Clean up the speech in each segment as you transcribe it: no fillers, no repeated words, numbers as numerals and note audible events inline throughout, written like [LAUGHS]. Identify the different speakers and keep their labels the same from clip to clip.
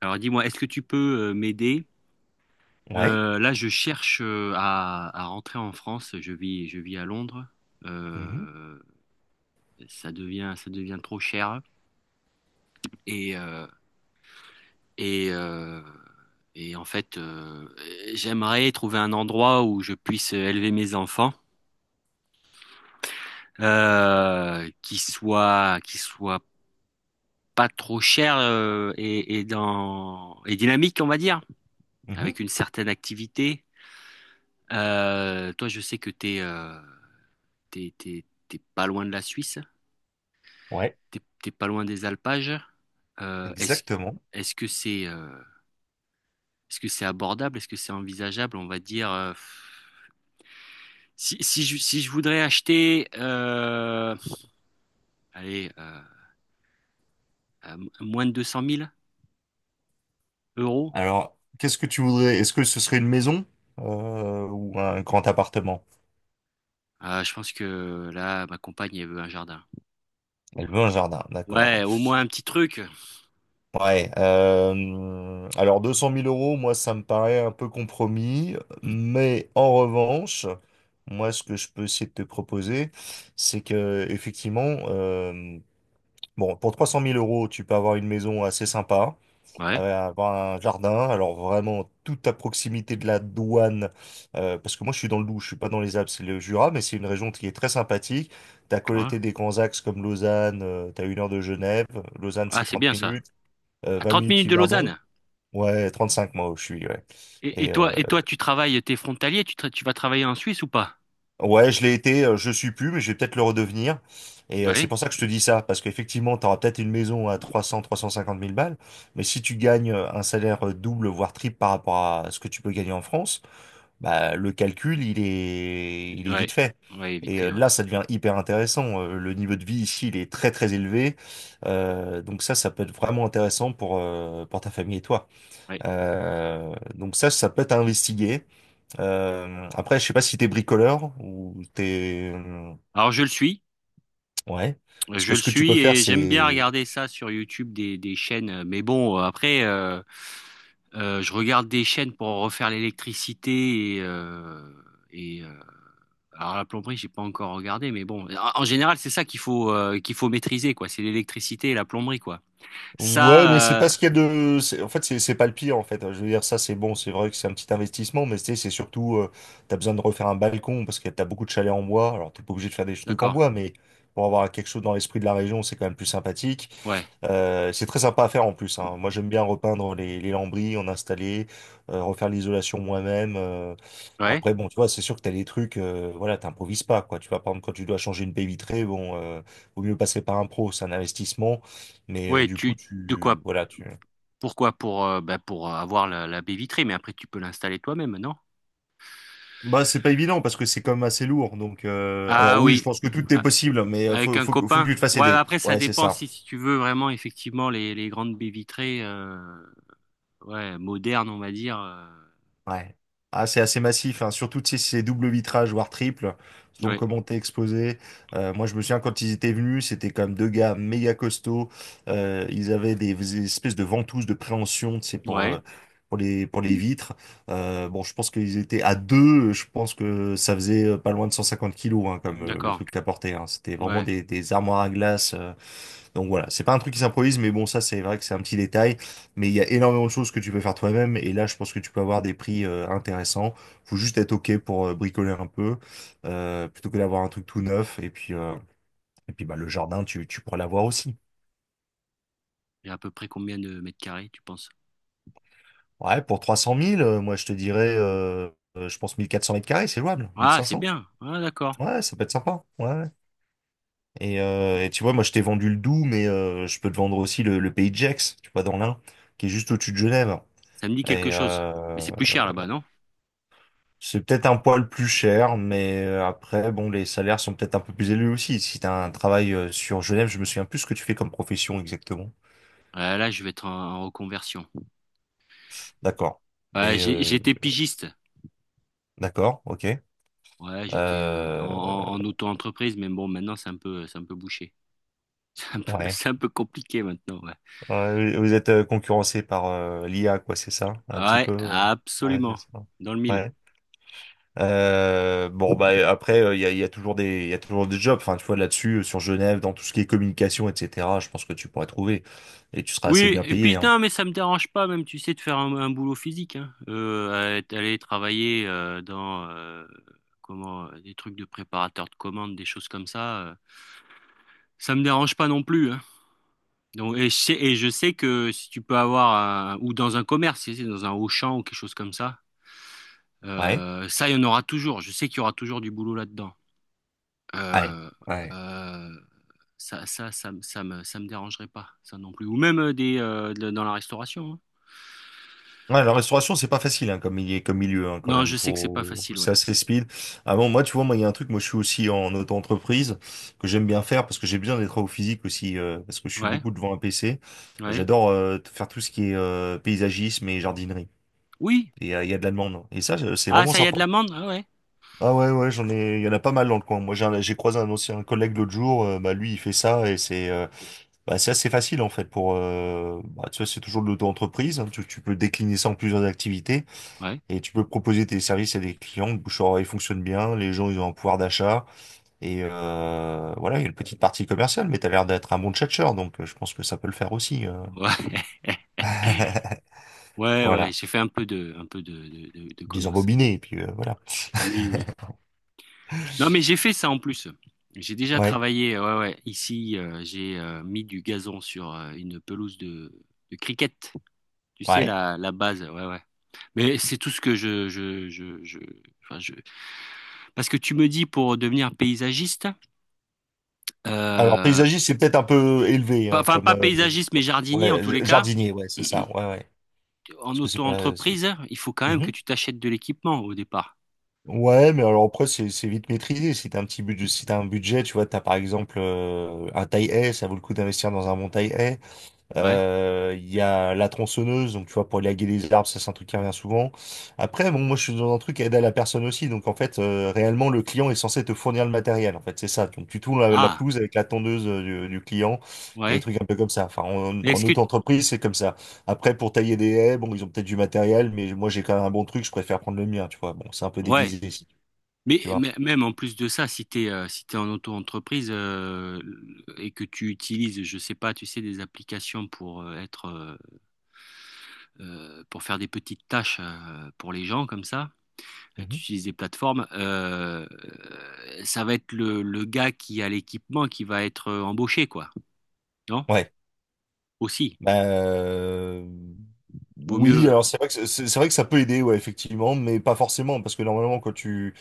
Speaker 1: Alors dis-moi, est-ce que tu peux m'aider?
Speaker 2: Ouais.
Speaker 1: Là, je cherche à rentrer en France. Je vis à Londres.
Speaker 2: Mhm,
Speaker 1: Euh, Ça devient trop cher. Et, euh, et, euh, et en fait, j'aimerais trouver un endroit où je puisse élever mes enfants, qui soit pas trop cher et dynamique, on va dire,
Speaker 2: mhm.
Speaker 1: avec une certaine activité. Toi, je sais que t'es, es t'es, t'es- t'es pas loin de la Suisse,
Speaker 2: Ouais,
Speaker 1: t'es pas loin des alpages. Euh, est-ce,
Speaker 2: exactement.
Speaker 1: est-ce que c'est euh, Est-ce que c'est abordable? Est-ce que c'est envisageable? On va dire, si je voudrais acheter, allez, moins de deux cent mille euros.
Speaker 2: Alors, qu'est-ce que tu voudrais? Est-ce que ce serait une maison ou un grand appartement?
Speaker 1: Je pense que là, ma compagne, elle veut un jardin.
Speaker 2: Elle veut un jardin, d'accord.
Speaker 1: Ouais, au moins un petit truc.
Speaker 2: Ouais. Alors, 200 000 euros, moi, ça me paraît un peu compromis. Mais en revanche, moi, ce que je peux essayer de te proposer, c'est que, effectivement, euh, bon, pour 300 000 euros, tu peux avoir une maison assez sympa,
Speaker 1: Ouais,
Speaker 2: à avoir un jardin, alors vraiment tout à proximité de la douane, parce que moi je suis dans le Doubs, je suis pas dans les Alpes, c'est le Jura, mais c'est une région qui est très sympathique. T'as
Speaker 1: ouais.
Speaker 2: collecté des grands axes comme Lausanne, t'as une heure de Genève, Lausanne
Speaker 1: Ah,
Speaker 2: c'est
Speaker 1: c'est
Speaker 2: 30
Speaker 1: bien ça.
Speaker 2: minutes,
Speaker 1: À
Speaker 2: 20
Speaker 1: trente
Speaker 2: minutes
Speaker 1: minutes de
Speaker 2: Yverdon,
Speaker 1: Lausanne.
Speaker 2: ouais 35 moi où je suis, ouais.
Speaker 1: Et, et
Speaker 2: Et euh,
Speaker 1: toi, et toi, tu travailles, t'es frontalier, tu vas travailler en Suisse ou pas?
Speaker 2: ouais je l'ai été, je suis plus, mais je vais peut-être le redevenir. C'est
Speaker 1: Ouais.
Speaker 2: pour ça que je te dis ça, parce qu'effectivement t'auras peut-être une maison à 300, 350 000 balles, mais si tu gagnes un salaire double voire triple par rapport à ce que tu peux gagner en France, bah, le calcul, il est
Speaker 1: Ouais,
Speaker 2: vite fait.
Speaker 1: ouais, vite fait, ouais.
Speaker 2: Là, ça devient hyper intéressant. Le niveau de vie ici, il est très très élevé. Donc ça peut être vraiment intéressant pour ta famille et toi.
Speaker 1: Ouais.
Speaker 2: Donc ça peut être à investiguer. Après, je sais pas si t'es bricoleur ou t'es...
Speaker 1: Alors
Speaker 2: Ouais. Parce
Speaker 1: je
Speaker 2: que
Speaker 1: le
Speaker 2: ce que tu peux
Speaker 1: suis
Speaker 2: faire,
Speaker 1: et j'aime bien
Speaker 2: c'est...
Speaker 1: regarder ça sur YouTube, des chaînes. Mais bon, après, je regarde des chaînes pour refaire l'électricité et alors la plomberie, j'ai pas encore regardé, mais bon, en général, c'est ça qu'il faut maîtriser, quoi. C'est l'électricité et la plomberie, quoi.
Speaker 2: Ouais, mais c'est
Speaker 1: Ça, euh,
Speaker 2: pas ce qu'il y a de... En fait, c'est pas le pire, en fait. Je veux dire, ça, c'est bon. C'est vrai que c'est un petit investissement, mais tu sais, c'est surtout... T'as besoin de refaire un balcon parce que t'as beaucoup de chalets en bois. Alors, t'es pas obligé de faire des trucs en
Speaker 1: d'accord.
Speaker 2: bois, mais pour avoir quelque chose dans l'esprit de la région, c'est quand même plus sympathique.
Speaker 1: Ouais,
Speaker 2: C'est très sympa à faire en plus, hein. Moi, j'aime bien repeindre les lambris, en installer, refaire l'isolation moi-même.
Speaker 1: ouais,
Speaker 2: Après, bon, tu vois, c'est sûr que t'as des trucs, voilà, t'improvises pas, quoi. Tu vois, par exemple, quand tu dois changer une baie vitrée, bon, vaut mieux passer par un pro, c'est un investissement. Mais
Speaker 1: ouais.
Speaker 2: du coup,
Speaker 1: Tu De
Speaker 2: tu,
Speaker 1: quoi?
Speaker 2: voilà, tu...
Speaker 1: Pourquoi? Pour bah, pour avoir la baie vitrée, mais après tu peux l'installer toi-même, non?
Speaker 2: Bah, c'est pas évident parce que c'est quand même assez lourd. Donc, alors
Speaker 1: Ah
Speaker 2: oui, je
Speaker 1: oui.
Speaker 2: pense que tout est possible, mais
Speaker 1: Avec un
Speaker 2: faut que
Speaker 1: copain.
Speaker 2: tu te fasses
Speaker 1: Ouais,
Speaker 2: aider.
Speaker 1: après, ça
Speaker 2: Ouais, c'est
Speaker 1: dépend
Speaker 2: ça.
Speaker 1: si tu veux vraiment, effectivement, les grandes baies vitrées, ouais, modernes, on va dire.
Speaker 2: Ouais. Ah, c'est assez massif, hein. Surtout tu sais, si c'est double vitrage, voire triple, selon
Speaker 1: Ouais,
Speaker 2: comment t'es exposé. Moi, je me souviens quand ils étaient venus, c'était quand même deux gars méga costauds. Ils avaient des espèces de ventouses de préhension, tu sais,
Speaker 1: ouais,
Speaker 2: pour pour les vitres. Bon, je pense qu'ils étaient à deux, je pense que ça faisait pas loin de 150 kilos, hein, comme le
Speaker 1: d'accord.
Speaker 2: truc qu'ils apportaient, hein. C'était vraiment
Speaker 1: Ouais.
Speaker 2: des armoires à glace. Donc voilà, c'est pas un truc qui s'improvise, mais bon, ça c'est vrai que c'est un petit détail. Mais il y a énormément de choses que tu peux faire toi-même, et là je pense que tu peux avoir des prix intéressants. Faut juste être ok pour bricoler un peu, plutôt que d'avoir un truc tout neuf. Et puis bah, le jardin, tu pourras l'avoir aussi.
Speaker 1: Et à peu près combien de mètres carrés, tu penses?
Speaker 2: Ouais, pour 300 000, moi je te dirais, je pense 1 400 mètres carrés, c'est jouable. mille
Speaker 1: Ah,
Speaker 2: cinq
Speaker 1: c'est
Speaker 2: cents.
Speaker 1: bien. Ah, d'accord.
Speaker 2: Ouais, ça peut être sympa. Ouais. Ouais. Et tu vois, moi je t'ai vendu le Doubs, mais je peux te vendre aussi le Pays de Gex, tu vois, dans l'Ain, qui est juste au-dessus de Genève.
Speaker 1: Ça me dit quelque
Speaker 2: Et,
Speaker 1: chose. Mais
Speaker 2: euh,
Speaker 1: c'est plus cher là-bas, non?
Speaker 2: C'est peut-être un poil plus cher, mais après, bon, les salaires sont peut-être un peu plus élevés aussi. Si tu as un travail sur Genève, je me souviens plus ce que tu fais comme profession exactement.
Speaker 1: Ah, là, je vais être en reconversion.
Speaker 2: D'accord.
Speaker 1: Ouais,
Speaker 2: Mais
Speaker 1: j'étais pigiste.
Speaker 2: d'accord, ok.
Speaker 1: Ouais, j'étais
Speaker 2: Euh,
Speaker 1: en auto-entreprise, mais bon, maintenant, c'est un peu bouché. [LAUGHS]
Speaker 2: ouais.
Speaker 1: C'est un peu compliqué maintenant, ouais.
Speaker 2: Ouais, vous êtes concurrencé par l'IA, quoi, c'est ça? Un petit
Speaker 1: Ouais,
Speaker 2: peu. Ouais, c'est
Speaker 1: absolument.
Speaker 2: ça.
Speaker 1: Dans le mille.
Speaker 2: Ouais. Bon bah après y a toujours des il y a toujours des jobs enfin tu vois là-dessus, sur Genève, dans tout ce qui est communication etc, je pense que tu pourrais trouver et tu seras assez
Speaker 1: Oui,
Speaker 2: bien
Speaker 1: et
Speaker 2: payé
Speaker 1: puis
Speaker 2: hein.
Speaker 1: non, mais ça me dérange pas même, tu sais, de faire un boulot physique, hein. Aller travailler dans comment des trucs de préparateur de commandes, des choses comme ça, ça me dérange pas non plus, hein. Donc, et je sais que si tu peux avoir un, ou dans un commerce, si c'est dans un Auchan ou quelque chose comme ça,
Speaker 2: Ouais.
Speaker 1: ça, il y en aura toujours. Je sais qu'il y aura toujours du boulot là-dedans.
Speaker 2: Ouais,
Speaker 1: Euh,
Speaker 2: ouais.
Speaker 1: euh, ça me ça me dérangerait pas, ça non plus. Ou même dans la restauration, hein.
Speaker 2: Ouais, la restauration, c'est pas facile hein, comme milieu, hein, quand
Speaker 1: Non, je
Speaker 2: même.
Speaker 1: sais que c'est pas
Speaker 2: Faut...
Speaker 1: facile, ouais.
Speaker 2: C'est assez speed. Ah bon, moi, tu vois, moi, il y a un truc, moi, je suis aussi en auto-entreprise, que j'aime bien faire, parce que j'ai besoin des travaux physiques aussi, parce que je suis
Speaker 1: Ouais,
Speaker 2: beaucoup devant un PC.
Speaker 1: ouais.
Speaker 2: J'adore faire tout ce qui est paysagisme et jardinerie.
Speaker 1: Oui.
Speaker 2: Et il y a de la demande. Hein. Et ça, c'est
Speaker 1: Ah,
Speaker 2: vraiment
Speaker 1: ça y a de
Speaker 2: sympa.
Speaker 1: l'amande? Ah ouais.
Speaker 2: Ah ouais, ouais, j'en ai, il y en a pas mal dans le coin. Moi, j'ai croisé un ancien collègue l'autre jour, bah, lui, il fait ça, et c'est... Bah, c'est assez facile en fait pour bah, tu vois c'est toujours de l'auto-entreprise hein, tu peux décliner ça en plusieurs activités,
Speaker 1: Ouais.
Speaker 2: et tu peux proposer tes services à des clients, le bouche à oreille fonctionne bien, les gens ils ont un pouvoir d'achat, et voilà, il y a une petite partie commerciale, mais t'as l'air d'être un bon tchatcheur donc je pense que ça peut le faire aussi
Speaker 1: Ouais. [LAUGHS]
Speaker 2: [LAUGHS]
Speaker 1: Ouais, ouais,
Speaker 2: Voilà,
Speaker 1: j'ai fait un peu de commerce.
Speaker 2: désembobiné, et puis voilà.
Speaker 1: Oui, oui. Non, mais j'ai fait ça en plus. J'ai déjà
Speaker 2: Ouais,
Speaker 1: travaillé, ouais, ouais. Ici, j'ai mis du gazon sur une pelouse de cricket. Tu sais,
Speaker 2: ouais.
Speaker 1: la base, ouais, ouais. Mais c'est tout ce que je, enfin. Parce que tu me dis pour devenir paysagiste,
Speaker 2: Alors
Speaker 1: euh,
Speaker 2: paysagiste c'est peut-être un peu élevé hein,
Speaker 1: Enfin,
Speaker 2: comme
Speaker 1: pas paysagiste, mais jardinier en
Speaker 2: ouais,
Speaker 1: tous les cas.
Speaker 2: jardinier ouais c'est ça, ouais,
Speaker 1: [CLEARS THROAT]
Speaker 2: ouais,
Speaker 1: En
Speaker 2: parce que c'est pas...
Speaker 1: auto-entreprise, il faut quand même que
Speaker 2: Mhm.
Speaker 1: tu t'achètes de l'équipement au départ.
Speaker 2: Ouais, mais alors après, c'est vite maîtrisé. Si t'as un petit budget, Si t'as un budget, tu vois, t'as par exemple un taille S, ça vaut le coup d'investir dans un bon taille.
Speaker 1: Ouais.
Speaker 2: Il y a la tronçonneuse, donc tu vois, pour élaguer les arbres, ça c'est un truc qui revient souvent. Après, bon, moi je suis dans un truc à aider à la personne aussi, donc en fait, réellement, le client est censé te fournir le matériel, en fait, c'est ça. Donc tu tournes la
Speaker 1: Ah,
Speaker 2: pelouse avec la tondeuse du client, et des
Speaker 1: ouais.
Speaker 2: trucs un peu comme ça. Enfin,
Speaker 1: Mais
Speaker 2: en
Speaker 1: est-ce que...
Speaker 2: auto-entreprise, c'est comme ça. Après, pour tailler des haies, bon, ils ont peut-être du matériel, mais moi j'ai quand même un bon truc, je préfère prendre le mien, tu vois. Bon, c'est un peu
Speaker 1: Ouais.
Speaker 2: déguisé, si tu vois.
Speaker 1: Même en plus de ça, si t'es en auto-entreprise et que tu utilises, je sais pas, tu sais, des applications pour faire des petites tâches pour les gens comme ça, tu
Speaker 2: Mhm.
Speaker 1: utilises des plateformes. Ça va être le gars qui a l'équipement qui va être embauché, quoi. Non?
Speaker 2: Ouais.
Speaker 1: Aussi.
Speaker 2: Bah,
Speaker 1: Vaut mieux,
Speaker 2: oui, alors c'est vrai que c'est vrai que ça peut aider, ouais, effectivement, mais pas forcément, parce que normalement quand tu...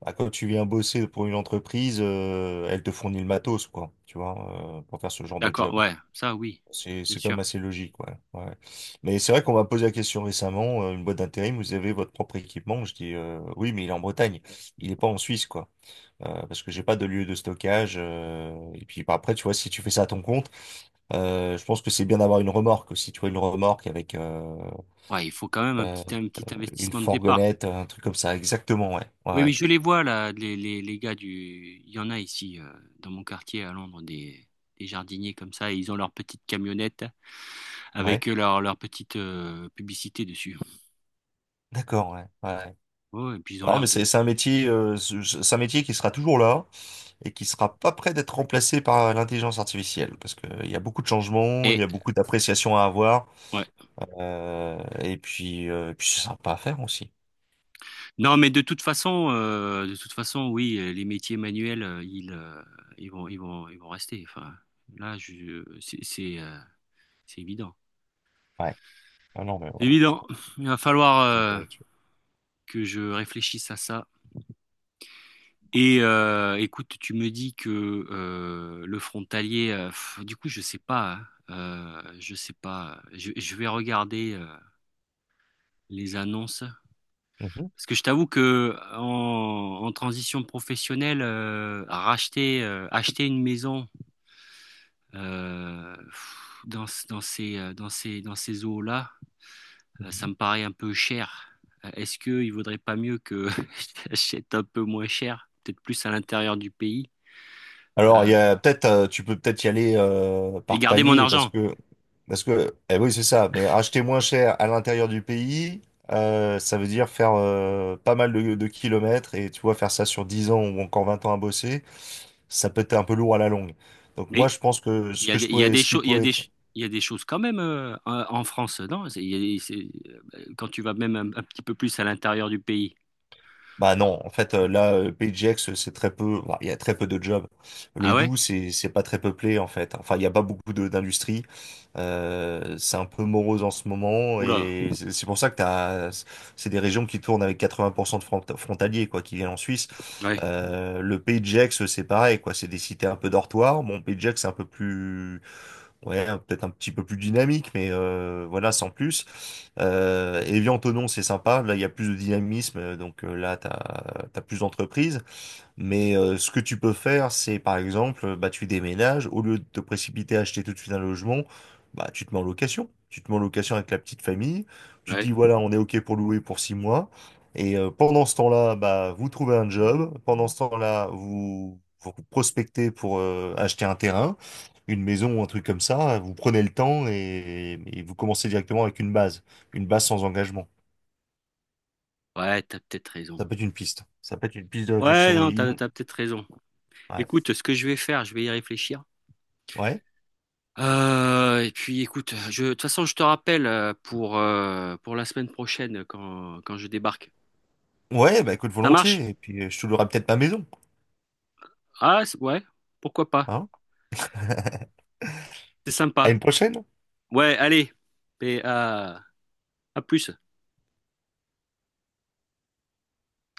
Speaker 2: bah, quand tu viens bosser pour une entreprise, elle te fournit le matos, quoi, tu vois, pour faire ce genre de
Speaker 1: d'accord,
Speaker 2: job.
Speaker 1: ouais, ça oui,
Speaker 2: C'est
Speaker 1: bien
Speaker 2: c'est quand
Speaker 1: sûr.
Speaker 2: même assez logique, ouais. Ouais. Mais c'est vrai qu'on m'a posé la question récemment, une boîte d'intérim, vous avez votre propre équipement? Je dis oui, mais il est en Bretagne, il est pas en Suisse, quoi. Parce que j'ai pas de lieu de stockage. Et puis bah, après, tu vois, si tu fais ça à ton compte. Je pense que c'est bien d'avoir une remorque aussi, tu vois, une remorque avec
Speaker 1: Ouais, il faut quand même
Speaker 2: euh,
Speaker 1: un petit
Speaker 2: une
Speaker 1: investissement de départ.
Speaker 2: fourgonnette, un truc comme ça. Exactement, ouais, ouais,
Speaker 1: Oui, mais
Speaker 2: ouais.
Speaker 1: je les vois là, les gars du. Il y en a ici, dans mon quartier à Londres, des jardiniers comme ça, et ils ont leur petite camionnette avec
Speaker 2: Ouais.
Speaker 1: leur petite publicité dessus.
Speaker 2: D'accord, ouais, ouais. Ouais.
Speaker 1: Ouais, et puis ils ont
Speaker 2: Non,
Speaker 1: l'air
Speaker 2: mais c'est
Speaker 1: de.
Speaker 2: c'est un métier, c'est un métier qui sera toujours là et qui sera pas prêt d'être remplacé par l'intelligence artificielle, parce que il y a beaucoup de changements, il y
Speaker 1: Et
Speaker 2: a beaucoup d'appréciations à avoir
Speaker 1: ouais.
Speaker 2: et puis c'est sympa à faire aussi.
Speaker 1: Non, mais de toute façon, oui, les métiers manuels, ils vont, ils vont rester. Enfin, là, c'est évident.
Speaker 2: Ouais. Ah non, mais voilà,
Speaker 1: Évident.
Speaker 2: faut...
Speaker 1: Il va falloir
Speaker 2: c'est- bah, tu-
Speaker 1: que je réfléchisse à ça. Écoute, tu me dis que le frontalier, du coup, je sais pas, hein. Je sais pas. Je vais regarder les annonces.
Speaker 2: Mhm.
Speaker 1: Parce que je t'avoue que en transition professionnelle, acheter une maison euh, pff, dans, ce- dans ces, dans ces, dans ces eaux-là. Ça
Speaker 2: Mhm.
Speaker 1: me paraît un peu cher. Est-ce qu'il ne vaudrait pas mieux que [LAUGHS] j'achète un peu moins cher, peut-être plus à l'intérieur du pays,
Speaker 2: Alors, il
Speaker 1: euh,
Speaker 2: y a peut-être, tu peux peut-être y aller
Speaker 1: et
Speaker 2: par
Speaker 1: garder mon
Speaker 2: palier, parce
Speaker 1: argent?
Speaker 2: que, eh oui, c'est ça. Mais acheter moins cher à l'intérieur du pays, ça veut dire faire pas mal de kilomètres, et tu vois, faire ça sur 10 ans ou encore 20 ans à bosser, ça peut être un peu lourd à la longue. Donc moi,
Speaker 1: Mais
Speaker 2: je pense que ce que je
Speaker 1: il y a
Speaker 2: pourrais,
Speaker 1: des
Speaker 2: ce qui
Speaker 1: choses,
Speaker 2: pourrait être...
Speaker 1: il y a des choses quand même en France, non? C'est- il y a des- c'est- Quand tu vas même un petit peu plus à l'intérieur du pays.
Speaker 2: Bah non, en fait là PageX c'est très peu, bah, il y a très peu de jobs. Le
Speaker 1: Ah ouais?
Speaker 2: Doubs c'est pas très peuplé en fait. Enfin il y a pas beaucoup de d'industrie. C'est un peu morose en ce moment,
Speaker 1: Oula,
Speaker 2: et c'est pour ça que t'as... c'est des régions qui tournent avec 80% de frontaliers quoi qui viennent en Suisse.
Speaker 1: ouais,
Speaker 2: Le PageX c'est pareil quoi, c'est des cités un peu dortoirs. Bon PageX c'est un peu plus, ouais, peut-être un petit peu plus dynamique, mais voilà, sans plus. Evian, Tonon, c'est sympa. Là, il y a plus de dynamisme, donc là, t'as plus d'entreprises. Mais ce que tu peux faire, c'est par exemple, bah, tu déménages, au lieu de te précipiter à acheter tout de suite un logement, bah, tu te mets en location. Tu te mets en location avec la petite famille, tu te dis
Speaker 1: ouais,
Speaker 2: voilà, on est OK pour louer pour 6 mois. Et pendant ce temps-là, bah, vous trouvez un job. Pendant ce temps-là, vous, vous prospectez pour acheter un terrain, une maison ou un truc comme ça. Vous prenez le temps et vous commencez directement avec une base sans engagement.
Speaker 1: ouais, t'as peut-être raison.
Speaker 2: Ça peut être une piste. Ça peut être une piste de
Speaker 1: Ouais,
Speaker 2: réflexion. Et
Speaker 1: non,
Speaker 2: ils ont...
Speaker 1: t'as peut-être raison.
Speaker 2: Ouais.
Speaker 1: Écoute, ce que je vais faire, je vais y réfléchir.
Speaker 2: Ouais.
Speaker 1: Et puis écoute, de toute façon, je te rappelle pour la semaine prochaine quand je débarque.
Speaker 2: Ouais, bah écoute,
Speaker 1: Ça marche?
Speaker 2: volontiers. Et puis, je te louerai peut-être ma maison.
Speaker 1: Ouais, pourquoi pas?
Speaker 2: Hein? [LAUGHS]
Speaker 1: C'est
Speaker 2: À
Speaker 1: sympa.
Speaker 2: une prochaine.
Speaker 1: Ouais, allez, et à plus.